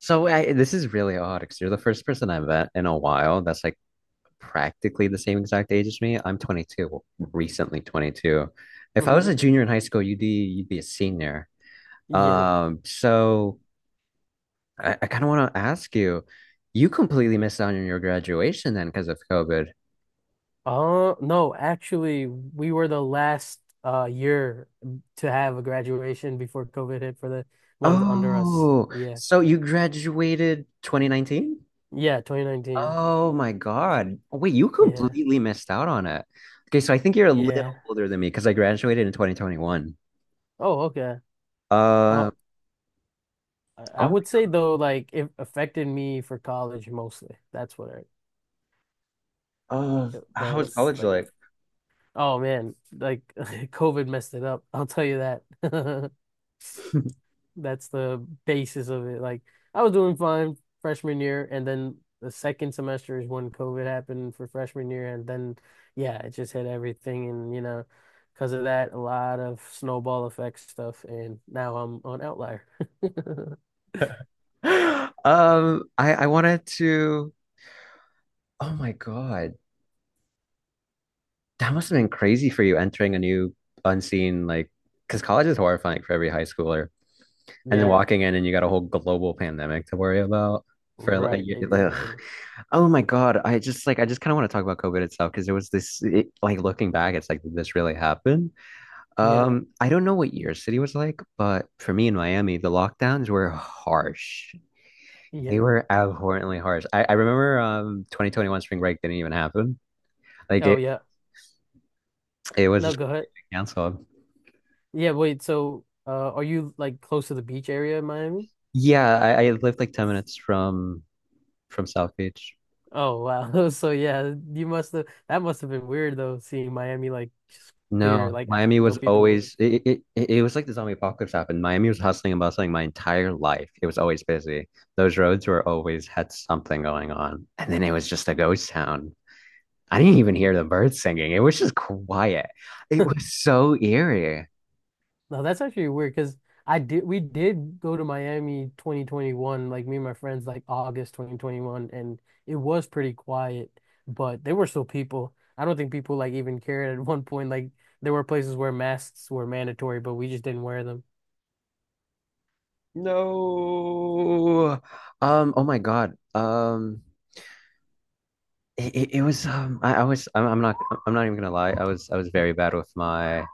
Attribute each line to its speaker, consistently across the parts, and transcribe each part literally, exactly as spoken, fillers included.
Speaker 1: So I, this is really odd because you're the first person I've met in a while that's like practically the same exact age as me. I'm twenty-two, recently twenty-two. If I
Speaker 2: Hmm.
Speaker 1: was a junior in high school, you'd be you'd be a senior.
Speaker 2: Yeah.
Speaker 1: Um, so I, I kind of want to ask you, you completely missed out on your graduation then because of COVID.
Speaker 2: Uh, no, actually, we were the last uh year to have a graduation before COVID hit for the ones under us.
Speaker 1: Oh,
Speaker 2: Yeah.
Speaker 1: so you graduated twenty nineteen?
Speaker 2: Yeah, twenty nineteen.
Speaker 1: Oh my God. Oh, wait, you
Speaker 2: Yeah.
Speaker 1: completely missed out on it. Okay, so I think you're a little
Speaker 2: Yeah.
Speaker 1: older than me because I graduated in twenty twenty-one.
Speaker 2: Oh, okay. Uh,
Speaker 1: Uh
Speaker 2: I I
Speaker 1: oh,
Speaker 2: would say though, like it affected me for college mostly. That's what I.
Speaker 1: oh, how was
Speaker 2: the
Speaker 1: college
Speaker 2: like
Speaker 1: like?
Speaker 2: Oh man, like COVID messed it up. I'll tell you that. That's the basis of it. Like I was doing fine freshman year, and then the second semester is when COVID happened for freshman year, and then yeah, it just hit everything, and you know, because of that, a lot of snowball effect stuff, and now I'm on Outlier.
Speaker 1: Um, I I wanted to. Oh my God, that must have been crazy for you entering a new unseen like, because college is horrifying for every high schooler, and then yeah,
Speaker 2: Yeah,
Speaker 1: walking in and you got a whole global pandemic to worry about for like a, oh,
Speaker 2: right,
Speaker 1: year. Like, ugh,
Speaker 2: exactly.
Speaker 1: oh my God, I just like I just kind of want to talk about COVID itself because it was this it, like looking back, it's like did this really happened. Yeah.
Speaker 2: Yeah,
Speaker 1: Um, I don't know what your city was like, but for me in Miami, the lockdowns were harsh.
Speaker 2: yeah.
Speaker 1: They were abhorrently harsh. I, I remember um twenty twenty-one spring break didn't even happen. Like
Speaker 2: Oh
Speaker 1: it
Speaker 2: yeah.
Speaker 1: it was
Speaker 2: No,
Speaker 1: just
Speaker 2: go ahead.
Speaker 1: canceled.
Speaker 2: Yeah, wait. So, uh, are you like close to the beach area in Miami?
Speaker 1: Yeah, I, I lived like ten minutes from from South Beach.
Speaker 2: Oh wow. So yeah, you must have that must have been weird though, seeing Miami like just clear,
Speaker 1: No,
Speaker 2: like a-
Speaker 1: Miami was
Speaker 2: no people.
Speaker 1: always it, it it it was like the zombie apocalypse happened. Miami was hustling and bustling my entire life. It was always busy. Those roads were always had something going on. And then it was just a ghost town. I didn't even hear the birds singing. It was just quiet. It was so eerie.
Speaker 2: No, that's actually weird because I did we did go to Miami twenty twenty-one, like me and my friends, like August twenty twenty-one, and it was pretty quiet, but there were still people. I don't think people like even cared at one point. Like there were places where masks were mandatory, but we just didn't wear them.
Speaker 1: No. Um, oh my God. Um it, it, it was um I, I was I'm, I'm not I'm not even gonna lie. I was I was very bad with my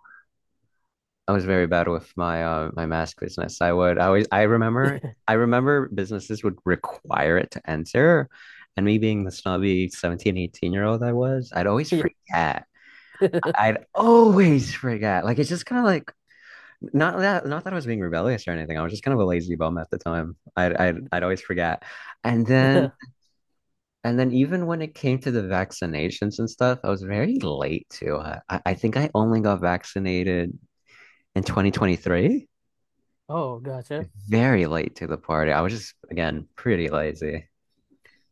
Speaker 1: I was very bad with my uh my mask business. I would I always I remember I remember businesses would require it to enter. And me being the snobby seventeen, eighteen year old I was, I'd always
Speaker 2: Yeah.
Speaker 1: forget. I'd always forget. Like it's just kind of like not that not that I was being rebellious or anything. I was just kind of a lazy bum at the time. I'd I'd I'd always forget. And yeah, then and then even when it came to the vaccinations and stuff, I was very late to it. I, I think I only got vaccinated in twenty twenty-three.
Speaker 2: Oh, gotcha.
Speaker 1: Very late to the party. I was just, again, pretty lazy.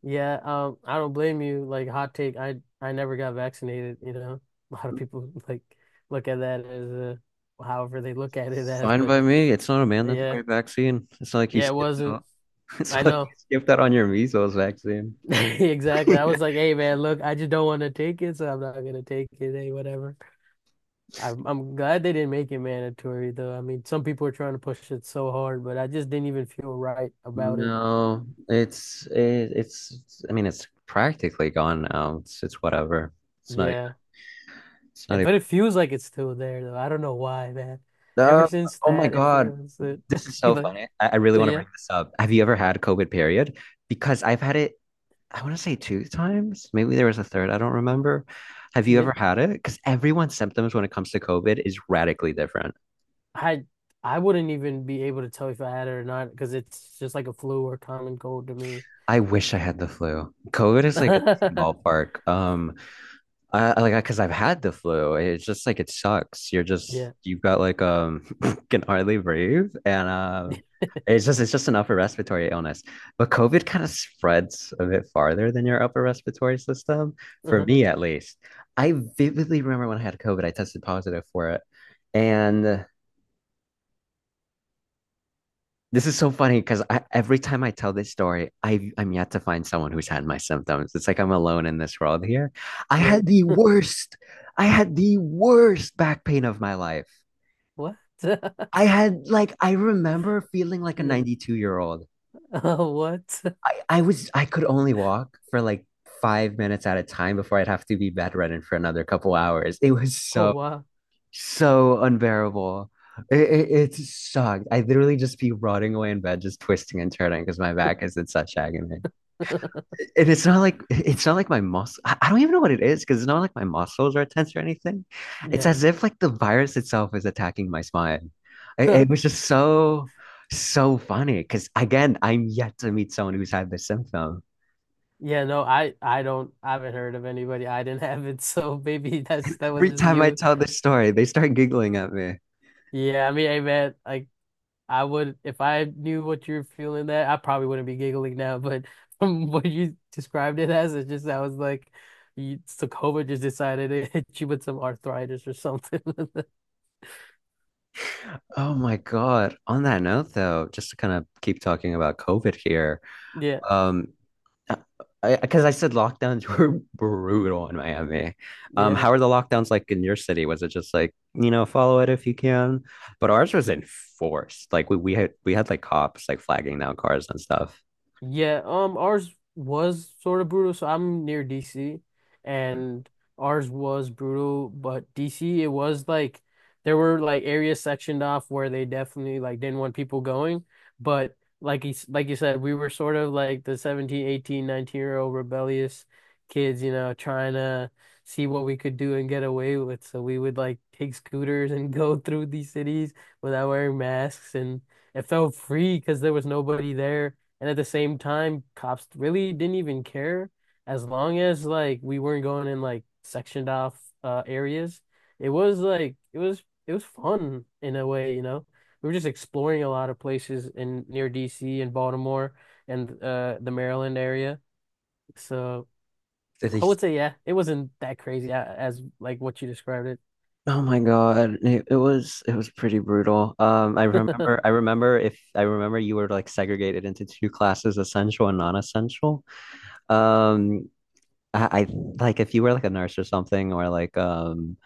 Speaker 2: Yeah, um, I don't blame you. Like hot take, I I never got vaccinated, you know. A lot of people like look at that as uh however they look at it as,
Speaker 1: Fine
Speaker 2: but
Speaker 1: by me. It's not a
Speaker 2: yeah,
Speaker 1: mandatory vaccine. It's not like you
Speaker 2: yeah, it
Speaker 1: skipped
Speaker 2: wasn't.
Speaker 1: out. It's
Speaker 2: I
Speaker 1: not like
Speaker 2: know.
Speaker 1: you skipped out on your measles vaccine.
Speaker 2: Exactly. I was like, "Hey man, look, I just don't want to take it, so I'm not gonna take it. Hey, whatever." I'm I'm glad they didn't make it mandatory though. I mean, some people are trying to push it so hard, but I just didn't even feel right about it.
Speaker 1: No, it's it, it's. it's- I mean, it's practically gone now. It's it's whatever. It's not even.
Speaker 2: Yeah.
Speaker 1: It's
Speaker 2: Eh,
Speaker 1: not even.
Speaker 2: but it feels like it's still there though. I don't know why, man. Ever
Speaker 1: Uh,
Speaker 2: since
Speaker 1: oh my
Speaker 2: that, it
Speaker 1: God.
Speaker 2: feels it.
Speaker 1: This is
Speaker 2: You
Speaker 1: so
Speaker 2: like,
Speaker 1: funny. I, I really want to
Speaker 2: yeah,
Speaker 1: bring this up. Have you ever had COVID period? Because I've had it, I want to say two times. Maybe there was a third. I don't remember. Have you
Speaker 2: yeah.
Speaker 1: ever had it? Because everyone's symptoms when it comes to COVID is radically different.
Speaker 2: I I wouldn't even be able to tell if I had it or not because it's just like a flu or common cold to me.
Speaker 1: I wish I had the flu. COVID is like a different ballpark. Um, I I- like because I've had the flu. It's just like it sucks. You're just
Speaker 2: Yeah.
Speaker 1: you've got like um can hardly breathe and um it's just it's just an upper respiratory illness. But COVID kind of spreads a bit farther than your upper respiratory system, for
Speaker 2: Uh-huh.
Speaker 1: me at least. I vividly remember when I had COVID, I tested positive for it. And this is so funny because every time I tell this story, I, I'm yet to find someone who's had my symptoms. It's like I'm alone in this world here. I
Speaker 2: Yeah.
Speaker 1: had the worst, I had the worst back pain of my life.
Speaker 2: What?
Speaker 1: I had like, I remember feeling like a
Speaker 2: Yeah.
Speaker 1: ninety-two year old.
Speaker 2: Oh, what?
Speaker 1: I, I was, I could only walk for like five minutes at a time before I'd have to be bedridden for another couple hours. It was
Speaker 2: Oh,
Speaker 1: so
Speaker 2: wow.
Speaker 1: so unbearable. It, it, it sucked. I literally just be rotting away in bed, just twisting and turning because my back is in such agony. And it's not like it's not like my muscle. I, I don't even know what it is because it's not like my muscles are tense or anything. It's
Speaker 2: Yeah.
Speaker 1: as if like the virus itself is attacking my spine. It, it was just so so funny because again, I'm yet to meet someone who's had this symptom.
Speaker 2: Yeah, no, I I don't I haven't heard of anybody. I didn't have it, so maybe that's that was
Speaker 1: Every
Speaker 2: just
Speaker 1: time I
Speaker 2: you.
Speaker 1: tell this story, they start giggling at me.
Speaker 2: Yeah, I mean, hey man, like I would, if I knew what you're feeling that, I probably wouldn't be giggling now. But from what you described it as, it's just I was like, you, so COVID just decided it hit you with some arthritis or something.
Speaker 1: Oh my God. On that note, though, just to kind of keep talking about COVID here,
Speaker 2: Yeah,
Speaker 1: um, because I, 'cause I said lockdowns were brutal in Miami. Um,
Speaker 2: yeah.
Speaker 1: how are the lockdowns like in your city? Was it just like, you know, follow it if you can? But ours was enforced. Like we, we had we had like cops like flagging down cars and stuff.
Speaker 2: Yeah, um, ours was sort of brutal. So I'm near D C, and ours was brutal, but D C, it was like there were like areas sectioned off where they definitely like didn't want people going. But like you, s- like you said, we were sort of like the seventeen, eighteen, nineteen year old rebellious kids, you know, trying to see what we could do and get away with. So we would like take scooters and go through these cities without wearing masks, and it felt free because there was nobody there and at the same time, cops really didn't even care as long as like we weren't going in like sectioned off uh areas. It was like it was it was fun in a way, you know. We were just exploring a lot of places in near D C and Baltimore and uh the Maryland area. So
Speaker 1: Did
Speaker 2: I
Speaker 1: they?
Speaker 2: would say yeah, it wasn't that crazy a- as like what you described
Speaker 1: Oh my God. It, it was it was pretty brutal. Um, I
Speaker 2: it.
Speaker 1: remember I remember if I remember you were like segregated into two classes, essential and non-essential. Um, I, I like if you were like a nurse or something or like um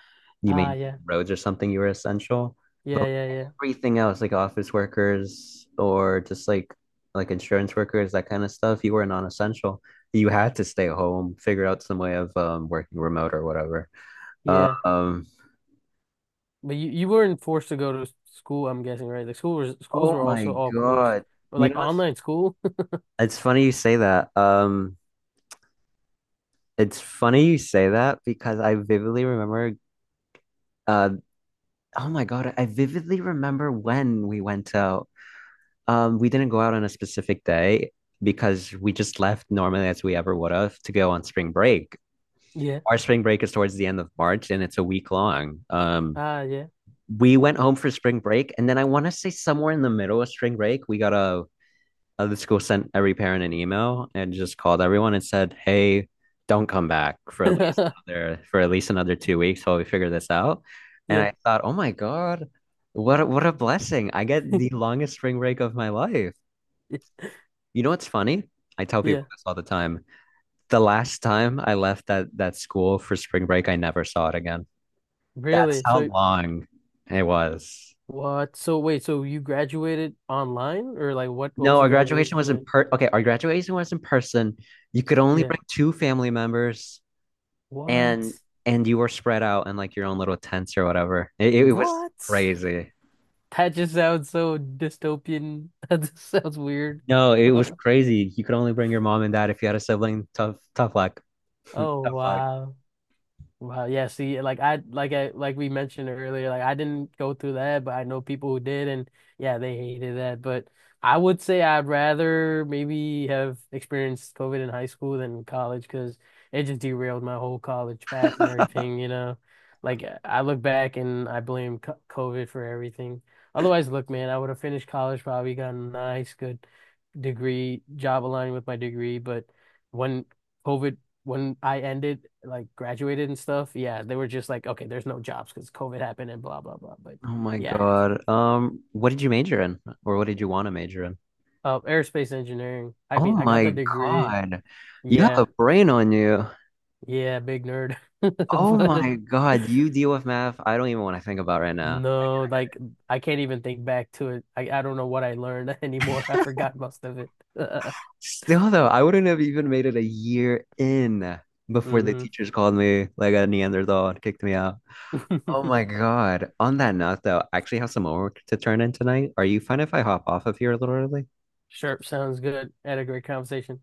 Speaker 1: you
Speaker 2: Ah
Speaker 1: made
Speaker 2: yeah.
Speaker 1: roads or something, you were essential.
Speaker 2: Yeah,
Speaker 1: But
Speaker 2: yeah, yeah.
Speaker 1: everything else, like office workers or just like like insurance workers, that kind of stuff, you were non-essential. You had to stay home, figure out some way of um working remote or whatever.
Speaker 2: Yeah.
Speaker 1: Um
Speaker 2: But you, you weren't forced to go to school, I'm guessing, right? Like school was, schools
Speaker 1: Oh
Speaker 2: were
Speaker 1: my
Speaker 2: also all closed.
Speaker 1: God.
Speaker 2: Or
Speaker 1: You
Speaker 2: like
Speaker 1: know what's
Speaker 2: online school.
Speaker 1: it's funny you say that. Um, it's funny you say that because I vividly remember uh oh my God, I vividly remember when we went out. Um, we didn't go out on a specific day because we just left normally as we ever would have to go on spring break.
Speaker 2: Yeah.
Speaker 1: Our spring break is towards the end of March and it's a week long. Um,
Speaker 2: Ah, yeah.
Speaker 1: we went home for spring break and then I want to say somewhere in the middle of spring break, we got a uh, the school sent every parent an email and just called everyone and said, "Hey, don't come back for at least another for at least another two weeks while we figure this out." And
Speaker 2: Yeah.
Speaker 1: I thought, "Oh my God, what a, what a blessing! I get the longest spring break of my life." You know what's funny? I tell people
Speaker 2: Yeah.
Speaker 1: this all the time. The last time I left that that school for spring break, I never saw it again. That's
Speaker 2: Really?
Speaker 1: how
Speaker 2: So
Speaker 1: long it was.
Speaker 2: what? So wait, so you graduated online or like what what
Speaker 1: No,
Speaker 2: was
Speaker 1: our
Speaker 2: your
Speaker 1: graduation
Speaker 2: graduation
Speaker 1: was in
Speaker 2: like?
Speaker 1: per okay, our graduation was in person. You could only
Speaker 2: Yeah.
Speaker 1: bring two family members. and
Speaker 2: What?
Speaker 1: and you were spread out in like your own little tents or whatever. It, it was
Speaker 2: What?
Speaker 1: crazy.
Speaker 2: That just sounds so dystopian. That just sounds weird.
Speaker 1: No, it was crazy. You could only bring your mom and dad if you had a sibling. Tough, tough luck.
Speaker 2: Oh
Speaker 1: Tough luck.
Speaker 2: wow. Wow, yeah, see, like I like I like we mentioned earlier, like I didn't go through that, but I know people who did and yeah, they hated that. But I would say I'd rather maybe have experienced COVID in high school than college because it just derailed my whole college path and everything, you know. Like uh, I look back and I blame co- COVID for everything. Otherwise, look, man, I would have finished college, probably gotten a nice, good degree, job aligned with my degree, but when COVID when I ended, like graduated and stuff, yeah, they were just like, okay, there's no jobs because COVID happened and blah blah blah. But
Speaker 1: Oh my
Speaker 2: yeah,
Speaker 1: God. Um, what did you major in, or what did you want to major in?
Speaker 2: uh, aerospace engineering. I
Speaker 1: Oh
Speaker 2: mean, I got the
Speaker 1: my
Speaker 2: degree.
Speaker 1: God. You have
Speaker 2: Yeah,
Speaker 1: a brain on you.
Speaker 2: yeah, big nerd.
Speaker 1: Oh
Speaker 2: But
Speaker 1: my God. You deal with math. I don't even want to think about right now.
Speaker 2: no, like I can't even think back to it. I I don't know what I learned anymore. I forgot most of it.
Speaker 1: Still though, I wouldn't have even made it a year in before the
Speaker 2: Hmm.
Speaker 1: teachers called me like a Neanderthal and kicked me out. Oh my God. On that note, though, I actually have some homework to turn in tonight. Are you fine if I hop off of here a little early?
Speaker 2: Sure, sounds good. Had a great conversation.